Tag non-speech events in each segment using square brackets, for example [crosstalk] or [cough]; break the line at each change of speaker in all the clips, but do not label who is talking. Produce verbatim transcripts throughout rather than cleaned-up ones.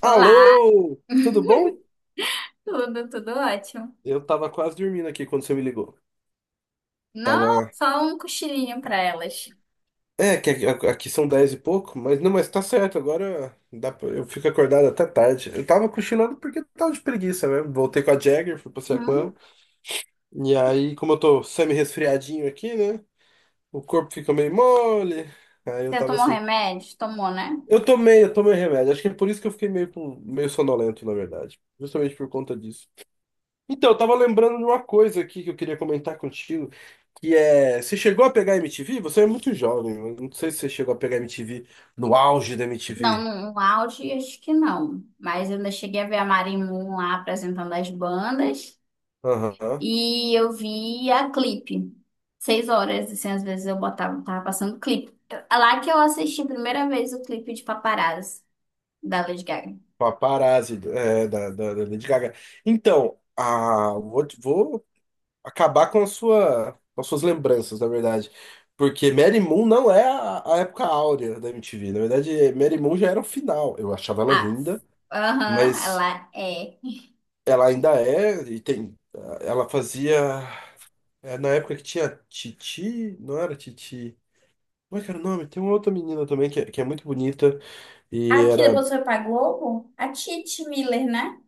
Olá,
Alô, tudo bom?
tudo, tudo ótimo.
Eu tava quase dormindo aqui quando você me ligou.
Não,
Tava.
só um cochilinho pra elas.
É, que aqui aqui são dez e pouco, mas não, mas tá certo, agora dá pra... eu fico acordado até tarde. Eu tava cochilando porque eu tava de preguiça mesmo. Voltei com a Jagger, fui passear com
Hum?
ela. E aí, como eu tô semi-resfriadinho aqui, né? O corpo fica meio mole. Aí eu
Você
tava
tomou
assim.
remédio? Tomou, né?
Eu tomei, eu tomei remédio. Acho que é por isso que eu fiquei meio, com- meio sonolento, na verdade. Justamente por conta disso. Então, eu tava lembrando de uma coisa aqui que eu queria comentar contigo. Que é. Você chegou a pegar M T V? Você é muito jovem. Eu não sei se você chegou a pegar M T V no auge da
Não,
M T V.
no, no auge acho que não. Mas eu ainda cheguei a ver a Marimun lá apresentando as bandas.
Aham.
E eu vi a clipe. Seis horas, assim, às vezes eu botava, tava passando clipe. É lá que eu assisti a primeira vez o clipe de Paparazzi, da Lady Gaga.
Paparazzi, é, da, da, da Lady Gaga. Então, ah, vou, vou acabar com a sua, com as suas lembranças, na verdade. Porque Mary Moon não é a, a época áurea da M T V. Na verdade, Mary Moon já era o final. Eu achava ela
Ah,
linda,
aham,
mas
ela é.
ela ainda é. E tem, ela fazia. É, na época que tinha Titi. Não era Titi. Como é que era o nome? Tem uma outra menina também que é, que é muito bonita e
Aqui
era.
depois foi pra Globo? A Titi Miller, né?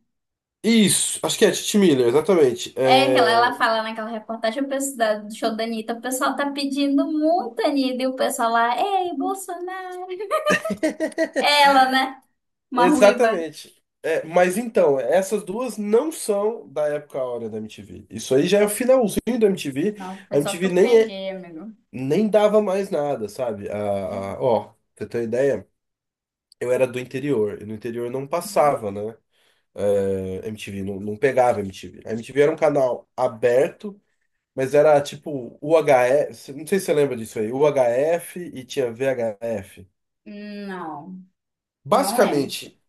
Isso! Acho que é a Titi Miller, exatamente.
É que ela, ela
É,
fala naquela reportagem o pessoal da- do show da Anitta, o pessoal tá pedindo muito, Anitta, e o pessoal lá, ei, Bolsonaro. É ela, né? Uma ruiva.
Exatamente. É, mas então, essas duas não são da época áurea da M T V. Isso aí já é o finalzinho da M T V.
Não, foi
A
só que
M T V
eu
nem, é,
peguei, amigo.
nem dava mais nada, sabe? A, a- ó, pra você ter uma ideia, eu era do interior. E no interior não
Uhum.
passava, né? É, M T V, não, não pegava M T V. A M T V era um canal aberto. Mas era tipo U H F, não sei se você lembra disso aí, U H F e tinha V H F.
Não, não lembro.
Basicamente,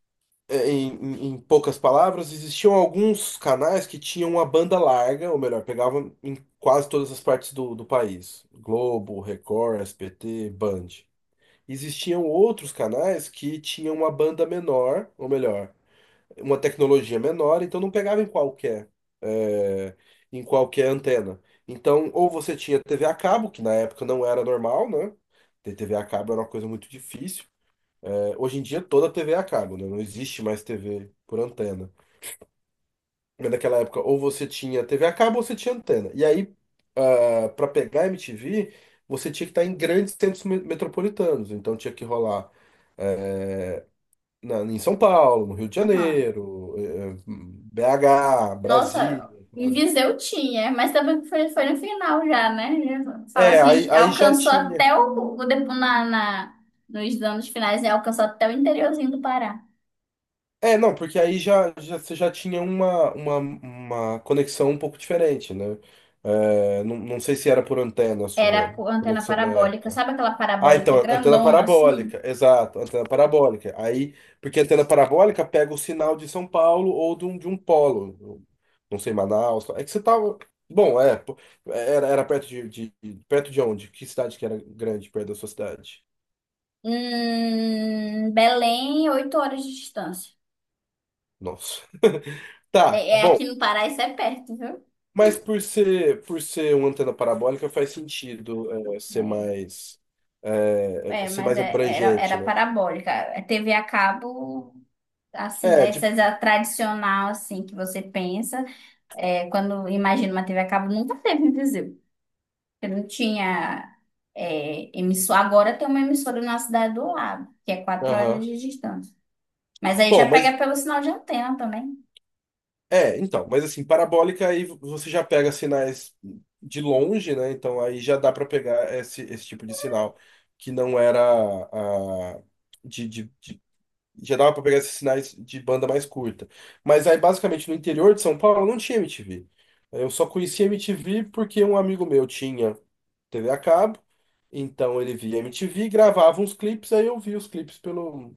é, em, em- em poucas palavras, existiam alguns canais que tinham uma banda larga, ou melhor, pegavam em quase todas as partes do, do país. Globo, Record, S B T, Band. Existiam outros canais que tinham uma banda menor, ou melhor, uma tecnologia menor, então não pegava em qualquer, eh, em qualquer antena. Então, ou você tinha T V a cabo, que na época não era normal, né? Ter T V a cabo era uma coisa muito difícil. Eh, hoje em dia, toda T V é a cabo, né? Não existe mais T V por antena. Mas naquela época, ou você tinha T V a cabo ou você tinha antena. E aí, para pegar M T V, você tinha que estar em grandes centros me- metropolitanos. Então, tinha que rolar na- em São Paulo, no Rio de
Aham.
Janeiro, eh, B H,
Nossa,
Brasília,
em
sabe?
Viseu tinha, mas também foi, foi no final já, né? Já fala
É,
assim,
aí, aí já
alcançou
tinha.
até o, o depo- na, na, nos anos finais, né? Alcançou até o interiorzinho do Pará.
É, não, porque aí já, já, você já tinha uma, uma, uma conexão um pouco diferente, né? É, não, não sei se era por antena a
Era
sua
por antena
conexão na
parabólica,
época.
sabe aquela
Ah,
parabólica
então, antena
grandona
parabólica,
assim?
exato, antena parabólica. Aí, porque a antena parabólica pega o sinal de São Paulo ou de um, de um polo, não sei, Manaus. É que você tava. Bom, é, pô, era, era perto de, de- Perto de onde? Que cidade que era grande perto da sua cidade?
Hum, Belém, oito horas de distância.
Nossa. [laughs] Tá,
É, é
bom.
aqui no Pará, isso é perto, viu?
Mas por ser, por ser uma antena parabólica, faz sentido é, ser
É,
mais. é, é,
é,
ser
mas
mais
é- era,
abrangente,
era
né?
parabólica. É T V a cabo, assim,
É, de.
dessas a tradicional, assim, que você pensa. É, quando imagina uma T V a cabo, nunca teve em Viseu. Porque não tinha é, emissora. Agora tem uma emissora na cidade do lado, que é quatro horas
Aham.
de distância. Mas aí
Bom,
já
mas.
pega pelo sinal de antena também.
É, então, mas assim, parabólica aí você já pega sinais de longe, né? Então aí já dá para pegar esse, esse tipo de sinal que não era a, de, de, de- já dava para pegar esses sinais de banda mais curta. Mas aí basicamente no interior de São Paulo não tinha M T V. Eu só conhecia M T V porque um amigo meu tinha T V a cabo, então ele via M T V, gravava uns clipes, aí eu via os clipes pelo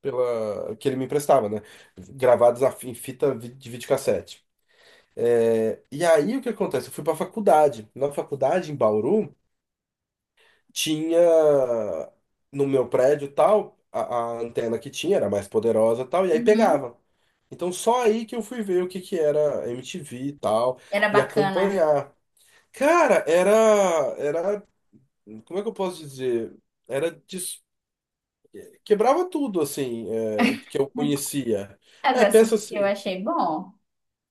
pela que ele me emprestava, né? Gravados a fi- em fita vi- de videocassete. É, e aí o que acontece? Eu fui para faculdade. Na faculdade, em Bauru, tinha no meu prédio e tal, a, a antena que tinha era mais poderosa e tal, e aí
Uhum.
pegava. Então só aí que eu fui ver o que que era M T V e tal,
Era
e
bacana.
acompanhar. Cara, era, era, como é que eu posso dizer? Era, dis- quebrava tudo, assim, é, que eu conhecia.
Ah, eu
É, pensa
assisti, eu
assim.
achei bom.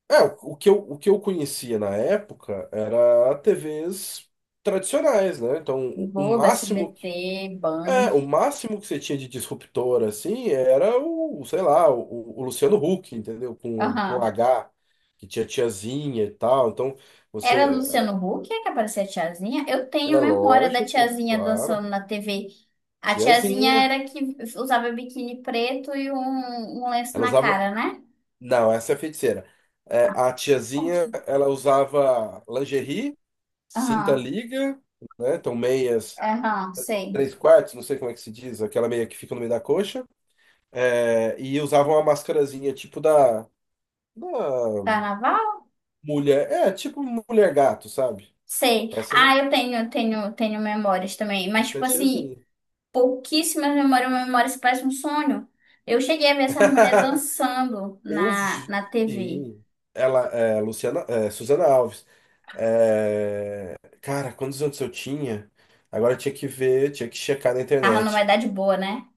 É, o o que eu, o que eu conhecia na época era T Vs tradicionais, né? Então, o, o
Globo,
máximo que,
S B T, Band.
é, o máximo que você tinha de disruptor, assim, era o, sei lá, o, o Luciano Huck, entendeu? Com, com
Aham.
H, que tinha tiazinha e tal. Então,
Era
você...
Luciano Huck é que aparecia a tiazinha? Eu tenho
É
memória da
lógico,
tiazinha
claro.
dançando na T V. A tiazinha
Tiazinha.
era que usava biquíni preto e um, um lenço
Ela
na
usava...
cara, né?
Não, essa é a feiticeira. É, a tiazinha, ela usava lingerie, cinta
Aham,
liga, né? Então, meias
aham, sei.
três quartos, não sei como é que se diz, aquela meia que fica no meio da coxa, é, e usava uma mascarazinha tipo da, da
Carnaval?
mulher, é, tipo mulher gato, sabe?
Sei.
Essa era,
Ah, eu tenho, eu tenho, tenho memórias também. Mas,
essa é a
tipo assim,
tiazinha.
pouquíssimas memórias, uma memória que parece um sonho. Eu cheguei a ver essas mulheres
[laughs]
dançando
Eu
na,
vi,
na T V.
sim. Ela, é, Luciana, é, Suzana Alves. É, cara, quantos anos eu tinha? Agora eu tinha que ver, tinha que checar na
Tava numa
internet.
idade boa, né?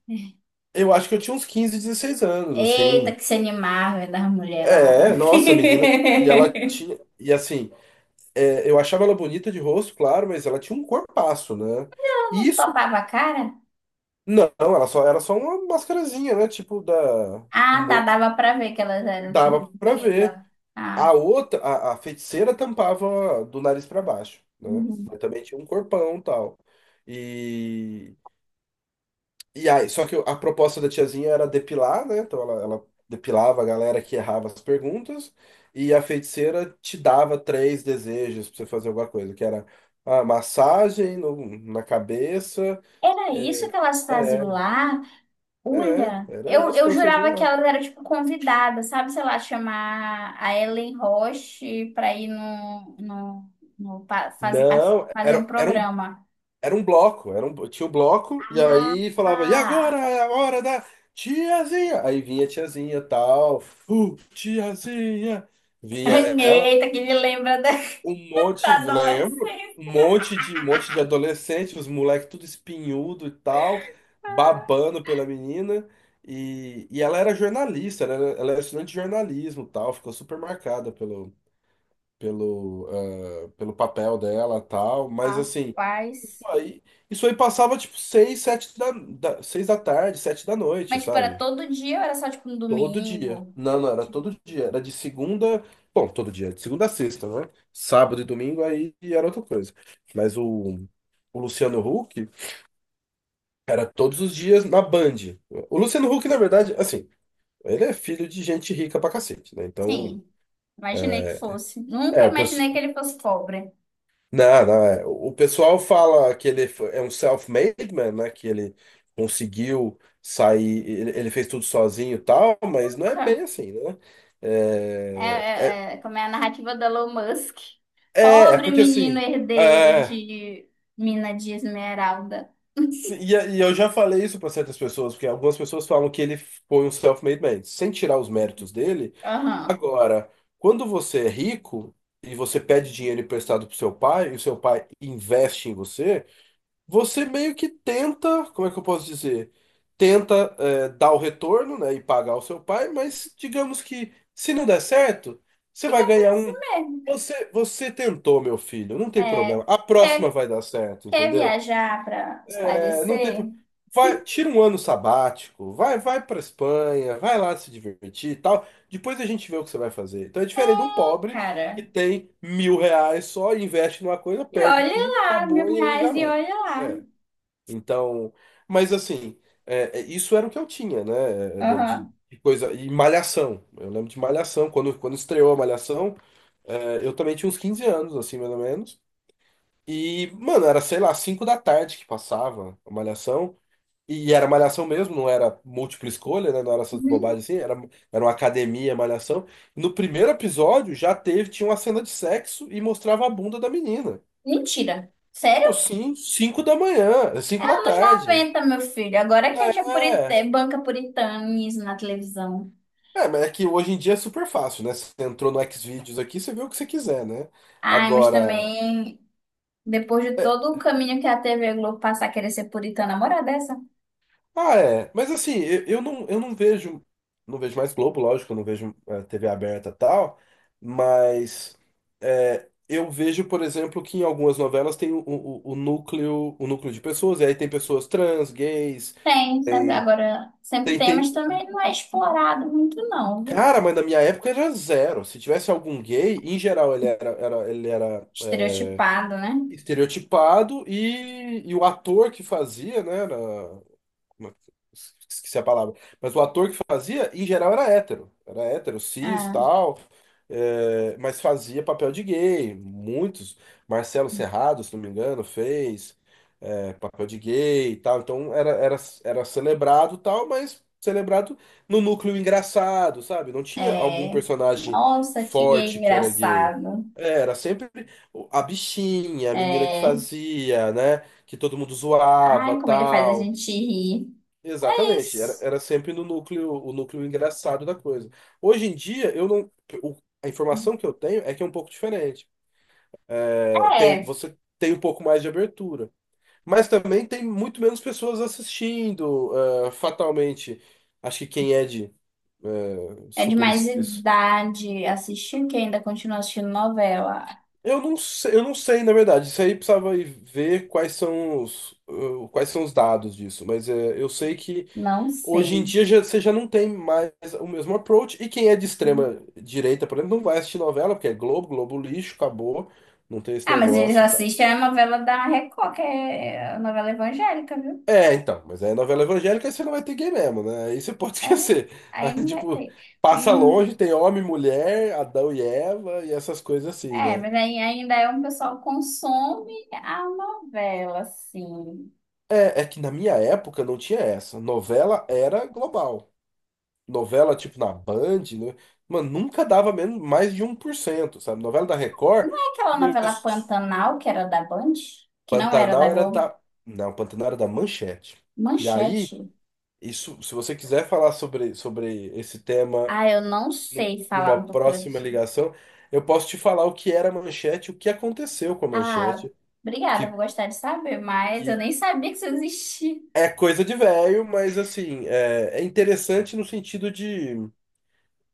Eu acho que eu tinha uns quinze, dezesseis anos, assim.
Eita, que se animava das mulheres lá.
É, nossa, menina. E ela
[laughs]
tinha. E assim, é, eu achava ela bonita de rosto, claro, mas ela tinha um corpaço, né?
Ela
E
não
isso,
topava a cara?
não, ela só era só uma mascarazinha, né? Tipo, da,
Ah, tá,
mo-
dava pra ver que elas eram, tipo,
dava pra ver.
bonitas.
A
Ah,
outra, a, a feiticeira tampava do nariz pra baixo, né?
uhum.
Mas também tinha um corpão e tal. E, E aí, só que a proposta da tiazinha era depilar, né? Então ela, ela depilava a galera que errava as perguntas, e a feiticeira te dava três desejos pra você fazer alguma coisa, que era a massagem no- na cabeça.
Era isso que elas
É,
faziam lá?
é,
Olha,
era
eu,
isso que
eu
elas faziam
jurava que
lá.
elas eram, tipo, convidadas, sabe? Sei lá, chamar a Ellen Roche pra ir no, no, no pa- fazer, parte-
Não,
fazer um
era, era um,
programa.
era um bloco, era um, tinha um bloco, e aí falava, e agora
Ah,
é a hora da tiazinha! Aí vinha a tiazinha, tal, uh, tiazinha!
[laughs]
Vinha ela.
eita, que me lembra da [laughs]
Um monte,
da
lembro,
adolescência.
um monte de, um monte de adolescente, os moleques tudo espinhudo e tal, babando pela menina. E, e ela era jornalista, ela era, ela era estudante de jornalismo, e tal, ficou super marcada pelo, pelo, ah, pelo papel dela, e tal. Mas assim, isso
Rapaz.
aí, isso aí passava tipo seis, sete da, da, seis da tarde, sete da noite,
Mas, tipo, era
sabe?
todo dia ou era só, tipo, no
Todo dia.
domingo?
Não, não, era
Tipo,
todo dia. Era de segunda. Bom, todo dia, de segunda a sexta, né? Sábado e domingo aí era outra coisa. Mas o, o Luciano Huck era todos os dias na Band. O Luciano Huck, na verdade, assim, ele é filho de gente rica pra cacete, né? Então,
sim, imaginei que fosse. Nunca
é, o
imaginei que
pessoal.
ele fosse pobre.
Não, não, é. O pessoal fala que ele foi- é um self-made man, né? Que ele conseguiu sair, ele, ele fez tudo sozinho e tal, mas não é bem
Nunca.
assim, né?
É,
É, é,
é, é, como é a narrativa da Elon Musk.
É, é
Pobre
porque
menino
assim,
herdeiro
é,
de mina de esmeralda.
se- e, e eu já falei isso para certas pessoas, porque algumas pessoas falam que ele foi um self-made man, sem tirar os méritos dele.
Aham.
Agora, quando você é rico e você pede dinheiro emprestado pro seu pai, e o seu pai investe em você, você meio que tenta, como é que eu posso dizer? Tenta, é, dar o retorno, né, e pagar o seu pai, mas digamos que se não der certo, você
Fica
vai
por
ganhar
isso
um.
mesmo.
Você, você tentou, meu filho, não tem
É,
problema. A próxima
quer,
vai dar certo,
quer
entendeu?
viajar para
É, não tem.
espairecer?
pro- Vai, tira um ano sabático, vai, vai para Espanha, vai lá se divertir e tal. Depois a gente vê o que você vai fazer. Então é diferente
É,
de um pobre que
cara,
tem mil reais só, investe numa coisa,
e
perde
olha
tudo,
lá,
acabou
mil
e aí
reais
já
e
vai.
olha lá.
É. Então, mas assim, é, é, isso era o que eu tinha, né? De, de-
Aham.
de coisa. E Malhação. Eu lembro de Malhação. Quando, quando estreou a Malhação, é, eu também tinha uns quinze anos, assim, mais ou menos. E, mano, era, sei lá, cinco da tarde que passava a Malhação. E era Malhação mesmo, não era múltipla escolha, né? Não era essas
Uhum.
bobagens assim, era, era uma academia Malhação. No primeiro episódio já teve, tinha uma cena de sexo e mostrava a bunda da menina.
Mentira.
Pô, sim, cinco da manhã,
É
cinco da
anos
tarde.
noventa, meu filho. Agora que
É.
tinha purité,
É,
banca puritanismo na televisão.
É, mas é que hoje em dia é super fácil, né? Você entrou no Xvideos aqui, você vê o que você quiser, né?
Ai, mas
Agora.
também, depois de
é-
todo o caminho que a T V Globo passar, querer ser puritana, moral dessa?
Ah, é. Mas assim, eu, eu não, eu não vejo. Não vejo mais Globo, lógico, eu não vejo é, T V aberta e tal. Mas. É, eu vejo, por exemplo, que em algumas novelas tem o, o, o núcleo, o núcleo de pessoas, e aí tem pessoas trans, gays,
Tem, sempre,
tem,
agora sempre
tem,
tem, mas
tem-
também não é explorado muito, não, viu?
Cara, mas na minha época era zero. Se tivesse algum gay, em geral ele era, era, ele era é,
Estereotipado, né?
estereotipado e, e o ator que fazia, né, era, uma- Esqueci a palavra. Mas o ator que fazia, em geral, era hétero. Era hétero, cis,
Ah,
tal. É, mas fazia papel de gay. Muitos. Marcelo Serrado, se não me engano, fez é, papel de gay e tal. Então era, era, era celebrado tal, mas celebrado no núcleo engraçado, sabe? Não tinha algum
é.
personagem
Nossa, que gay
forte que era gay.
engraçado.
É, era sempre o- a bichinha, a menina que
É.
fazia, né? Que todo mundo zoava,
Ai, como ele faz a
tal.
gente rir. É
Exatamente, era,
isso.
era sempre no núcleo, o núcleo engraçado da coisa. Hoje em dia, eu não, o- a informação que eu tenho é que é um pouco diferente. É, tem,
É.
você tem um pouco mais de abertura, mas também tem muito menos pessoas assistindo, é, fatalmente. Acho que quem é de é,
É de
super
mais
es- es-
idade assistir, que ainda continua assistindo novela.
eu não sei, eu não sei, na verdade. Isso aí precisava ir ver quais são os, eh, quais são os dados disso, mas é, eu sei que
Não
hoje em
sei.
dia já, você já não tem mais o mesmo approach. E quem é de extrema direita, por exemplo, não vai assistir novela, porque é Globo, Globo lixo, acabou, não tem esse
Ah, mas eles
negócio e tal.
assistem a novela da Record, que é a novela evangélica, viu?
É, então, mas aí é novela evangélica aí você não vai ter gay mesmo, né? Aí você pode [laughs]
É,
esquecer.
aí
Aí,
não vai
tipo,
ter.
passa
Hum,
longe, tem homem, mulher, Adão e Eva e essas coisas assim,
é,
né?
mas aí ainda é um pessoal que consome a novela, assim.
É, é que na minha época não tinha essa. Novela era global. Novela, tipo, na Band, né? Mano, nunca dava menos, mais de um por cento sabe? Novela da Record.
Não é aquela novela Pantanal, que era da Band? Que não era da
Pantanal era
Globo?
da. Não, Pantanal era da Manchete. E aí,
Manchete.
isso, se você quiser falar sobre, sobre esse tema
Ah, eu não
nu-
sei falar
numa
muita
próxima
coisa.
ligação, eu posso te falar o que era a Manchete, o que aconteceu com a
Ah,
Manchete,
obrigada, vou
que,
gostar de saber, mas
que
eu nem sabia que isso existia.
é coisa de velho, mas assim, é, é interessante no sentido de,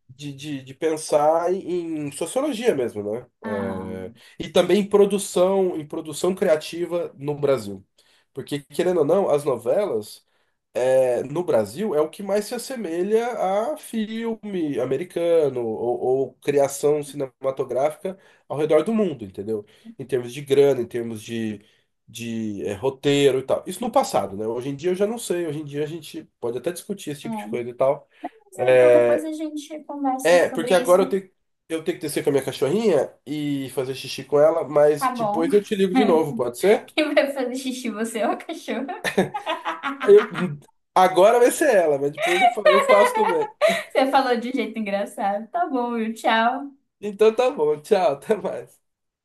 de, de, de pensar em, em sociologia mesmo, né?
Ah,
É, e também em produção, em produção criativa no Brasil. Porque, querendo ou não, as novelas. É, no Brasil é o que mais se assemelha a filme americano ou, ou criação cinematográfica ao redor do mundo, entendeu? Em termos de grana, em termos de, de é, roteiro e tal. Isso no passado, né? Hoje em dia eu já não sei. Hoje em dia a gente pode até discutir esse
é.
tipo de
Mas,
coisa e tal.
então depois
É,
a gente conversa
é
sobre
porque agora eu
isso.
tenho, eu tenho que descer com a minha cachorrinha e fazer xixi com ela, mas
Tá bom.
depois eu te ligo de novo,
[laughs]
pode ser?
Quem vai fazer xixi, você ou o cachorro?
Eu- Agora vai ser ela, mas depois eu fa- eu faço também.
Você falou de um jeito engraçado. Tá bom, viu? Tchau.
Então tá bom, tchau, até mais.